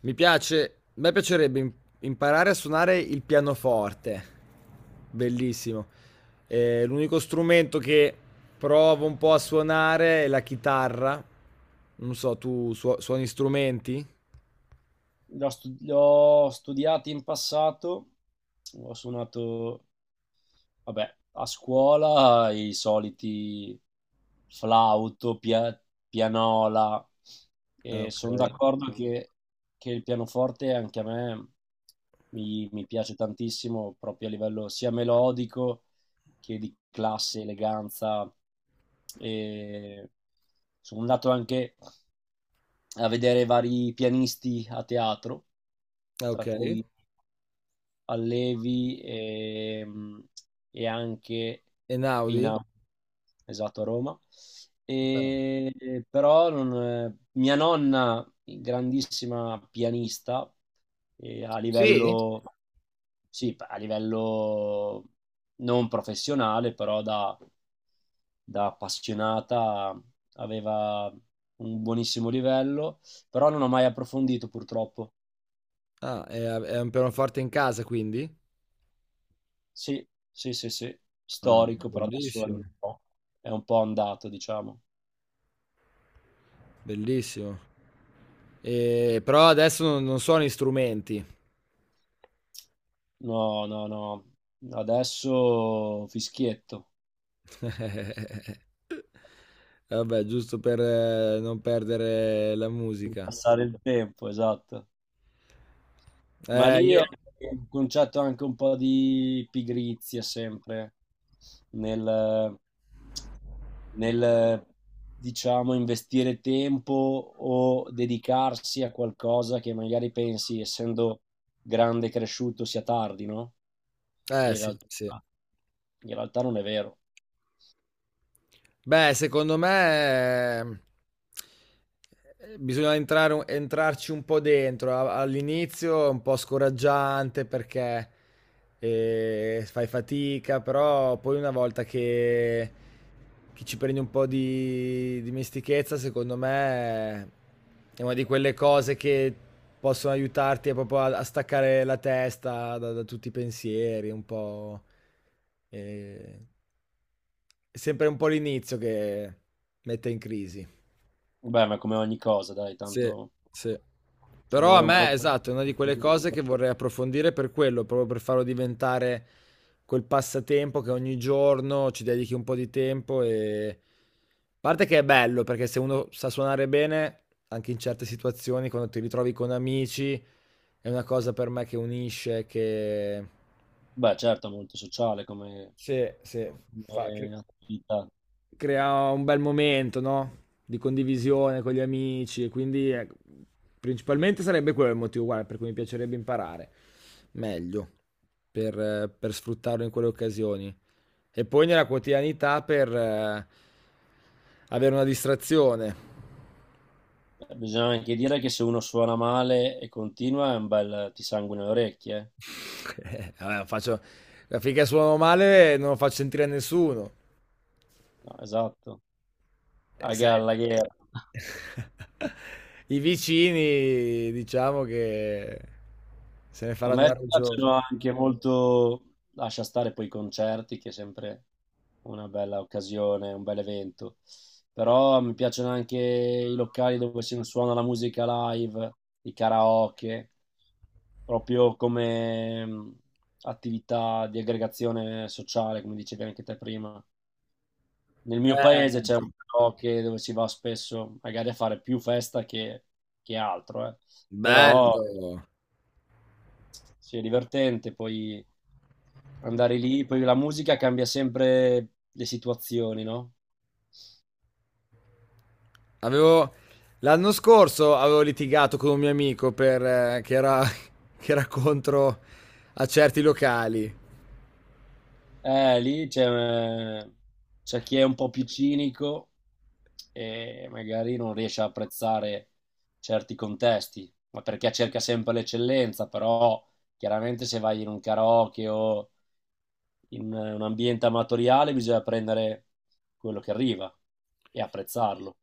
Mi piace, a me piacerebbe imparare a suonare il pianoforte, bellissimo. L'unico strumento che provo un po' a suonare è la chitarra. Non so, tu suoni strumenti? L'ho studiato in passato, ho suonato. Vabbè, a scuola i soliti flauto, pianola. Ah, E ok. sono d'accordo, esatto, che il pianoforte anche a me mi piace tantissimo, proprio a livello sia melodico che di classe, eleganza. E sono andato anche a vedere vari pianisti a teatro, Ah, ok. tra E cui Allevi, e anche in Naudi? Austria, esatto, a Roma. E però non- mia nonna, grandissima pianista, a livello, sì, a livello non professionale, però da, da appassionata aveva un buonissimo livello, però non ho mai approfondito purtroppo. Ah, è un pianoforte in casa quindi? Sì, sì, sì, sì, Ah, storico, però adesso bellissimo, è un po' andato, diciamo. bellissimo. Però adesso non suono strumenti. No, no, no, adesso fischietto, Vabbè, giusto per non perdere la per musica. passare il tempo, esatto. Ma lì è Io... un concetto anche un po' di pigrizia sempre, nel, nel, diciamo, investire tempo o dedicarsi a qualcosa che magari pensi, essendo grande e cresciuto, sia tardi, no? E in sì, realtà... sì. In realtà non è vero. Beh, secondo me bisogna entrare, entrarci un po' dentro. All'inizio è un po' scoraggiante perché fai fatica, però poi una volta che ci prendi un po' di dimestichezza, secondo me è una di quelle cose che possono aiutarti proprio a staccare la testa da tutti i pensieri, un po'... eh, è sempre un po' l'inizio che mette in crisi. Vabbè, ma come ogni cosa, dai, Sì, tanto sì. ci Però a vuole un po' me, esatto, è una di quelle di... cose che vorrei approfondire per quello, proprio per farlo diventare quel passatempo che ogni giorno ci dedichi un po' di tempo e... A parte che è bello, perché se uno sa suonare bene, anche in certe situazioni, quando ti ritrovi con amici, è una cosa per me che unisce, che... Beh, certo, è molto sociale come, Sì, sì, fa... come attività. crea un bel momento, no? Di condivisione con gli amici, e quindi principalmente sarebbe quello il motivo guarda, per cui mi piacerebbe imparare meglio, per sfruttarlo in quelle occasioni. E poi nella quotidianità per avere una distrazione. Bisogna anche dire che se uno suona male e continua è un bel ti sanguina le orecchie, eh. Vabbè, finché suono male non lo faccio sentire a nessuno. No, esatto. A Sai, Gallagher. i vicini diciamo che se ne A faranno una me ragione. piacciono anche molto, lascia stare poi i concerti, che è sempre una bella occasione, un bel evento, però mi piacciono anche i locali dove si suona la musica live, i karaoke, proprio come attività di aggregazione sociale, come dicevi anche te prima. Nel mio paese Eh, c'è un karaoke dove si va spesso, magari a fare più festa che altro, eh. Però bello. sì, è divertente, poi andare lì, poi la musica cambia sempre le situazioni, no? Avevo l'anno scorso avevo litigato con un mio amico per che era che era contro a certi locali. Eh, lì c'è eh, c'è chi è un po' più cinico e magari non riesce a apprezzare certi contesti, ma perché cerca sempre l'eccellenza, però chiaramente se vai in un karaoke o in un ambiente amatoriale bisogna prendere quello che arriva e apprezzarlo.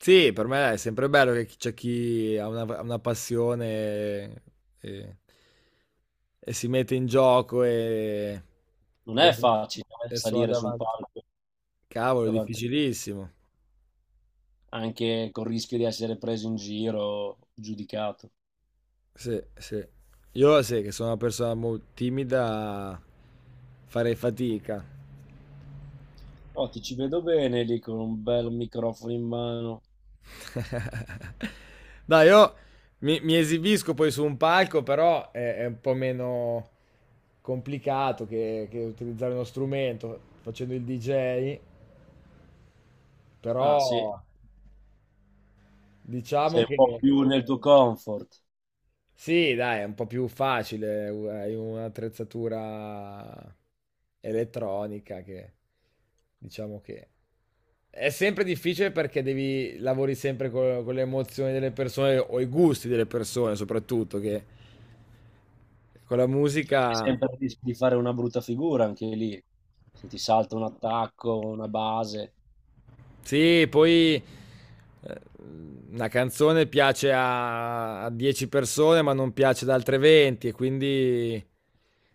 Sì, per me è sempre bello che c'è chi ha una passione e, e si mette in gioco Non e, è facile, e suona salire su un davanti. palco Cavolo, è davanti, difficilissimo. anche con il rischio di essere preso in giro, giudicato. Sì, sì. Io sì, che sono una persona molto timida, farei fatica. Oh, ti ci vedo bene lì con un bel microfono in mano. Dai, io mi esibisco poi su un palco, però è un po' meno complicato che utilizzare uno strumento facendo il DJ, Ah, sì, però diciamo sei un che... po' più nel tuo comfort. Sì, dai, è un po' più facile, hai un'attrezzatura elettronica che diciamo che è sempre difficile perché devi lavori sempre con, le emozioni delle persone o i gusti delle persone, soprattutto che con la C'è musica sempre il rischio di fare una brutta figura anche lì. Se ti salta un attacco, una base, sì, poi eh, una canzone piace a 10 persone, ma non piace ad altre 20 e quindi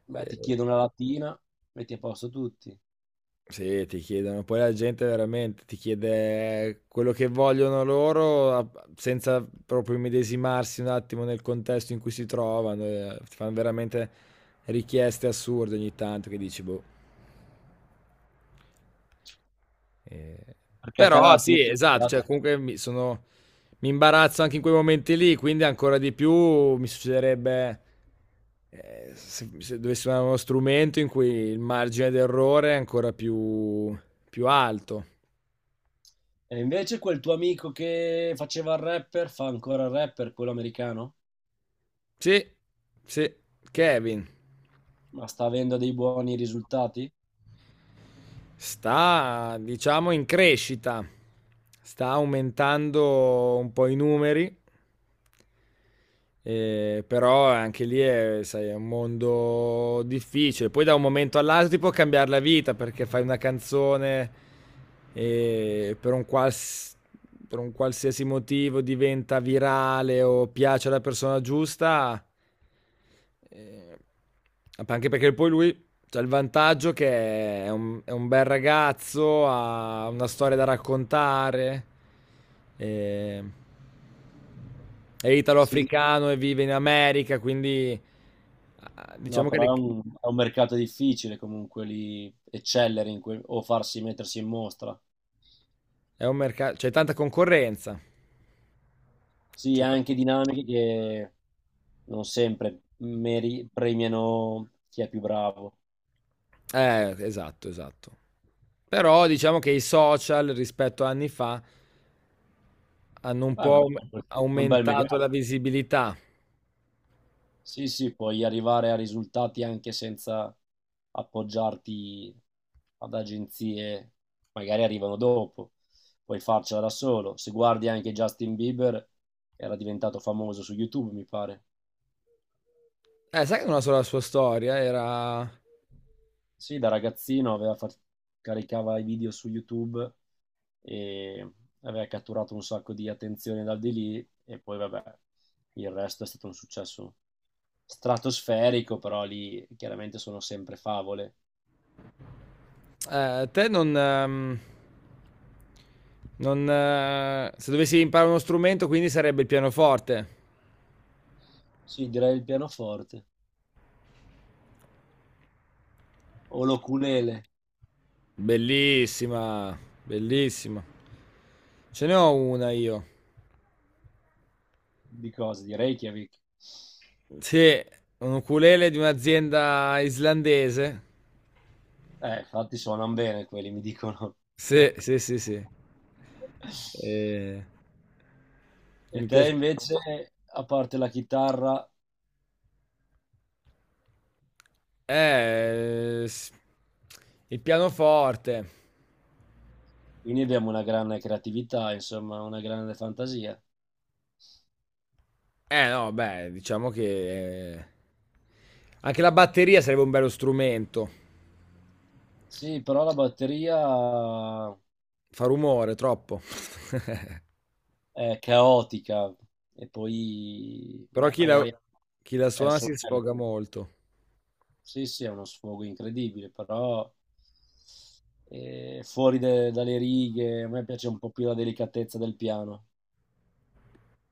beh, ti eh, chiedo una latina, metti a posto tutti. sì, ti chiedono poi la gente veramente ti chiede quello che vogliono loro a senza proprio immedesimarsi un attimo nel contesto in cui si trovano, ti fan veramente richieste assurde ogni tanto che dici: "Boh". Ehm, Perché a te la però latina... sì, esatto, cioè piace. comunque mi imbarazzo anche in quei momenti lì, quindi ancora di più mi succederebbe, se se dovessi suonare uno strumento in cui il margine d'errore è ancora più alto. E invece quel tuo amico che faceva il rapper, fa ancora il rapper, quello americano? Sì, sì, Kevin Ma sta avendo dei buoni risultati? sta, diciamo, in crescita, sta aumentando un po' i numeri. Però anche lì è, sai, è un mondo difficile. Poi da un momento all'altro ti può cambiare la vita perché fai una canzone e per per un qualsiasi motivo diventa virale o piace alla persona giusta. Eh, anche perché poi lui ha il vantaggio che è è un bel ragazzo, ha una storia da raccontare. Eh, è Sì. italo-africano e vive in America, quindi ah, No, diciamo che però è un mercato difficile, comunque lì eccellere in quel- o farsi mettersi in mostra. è un mercato, c'è tanta concorrenza. Sì, C'è ha ta- anche dinamiche che non sempre meri- premiano chi è più bravo. Esatto, esatto. Però diciamo che i social rispetto a anni fa hanno un Ma È po' un bel, è un bel aumentato megafono. la visibilità. Sì, sì, puoi arrivare a risultati anche senza appoggiarti ad agenzie, magari arrivano dopo, puoi farcela da solo. Se guardi anche Justin Bieber, era diventato famoso su YouTube, mi pare. Sai che non ha solo la sua storia, era... Sì, da ragazzino caricava i video su YouTube e aveva catturato un sacco di attenzione dal di lì, e poi vabbè, il resto è stato un successo stratosferico, però lì chiaramente sono sempre favole. Te non... non se dovessi imparare uno strumento, quindi sarebbe il pianoforte. Sì, direi il pianoforte o l'oculele Bellissima, bellissima. Ce ne ho una io. di cose, di Reykjavik. Sì, un ukulele di un'azienda islandese. Infatti suonano bene quelli, mi dicono. Sì, sì, sì, sì. Eh, E mi te piace. invece, a parte la chitarra, Eh, s- il pianoforte. quindi abbiamo una grande creatività, insomma, una grande fantasia. Eh no, beh, diciamo che anche la batteria sarebbe un bello strumento. Sì, però la batteria Fa rumore, troppo. è caotica e poi, Però beh, magari chi la è il suona suo si bello. sfoga molto. Sì, sì, è uno sfogo incredibile, però fuori dalle righe, a me piace un po' più la delicatezza del piano.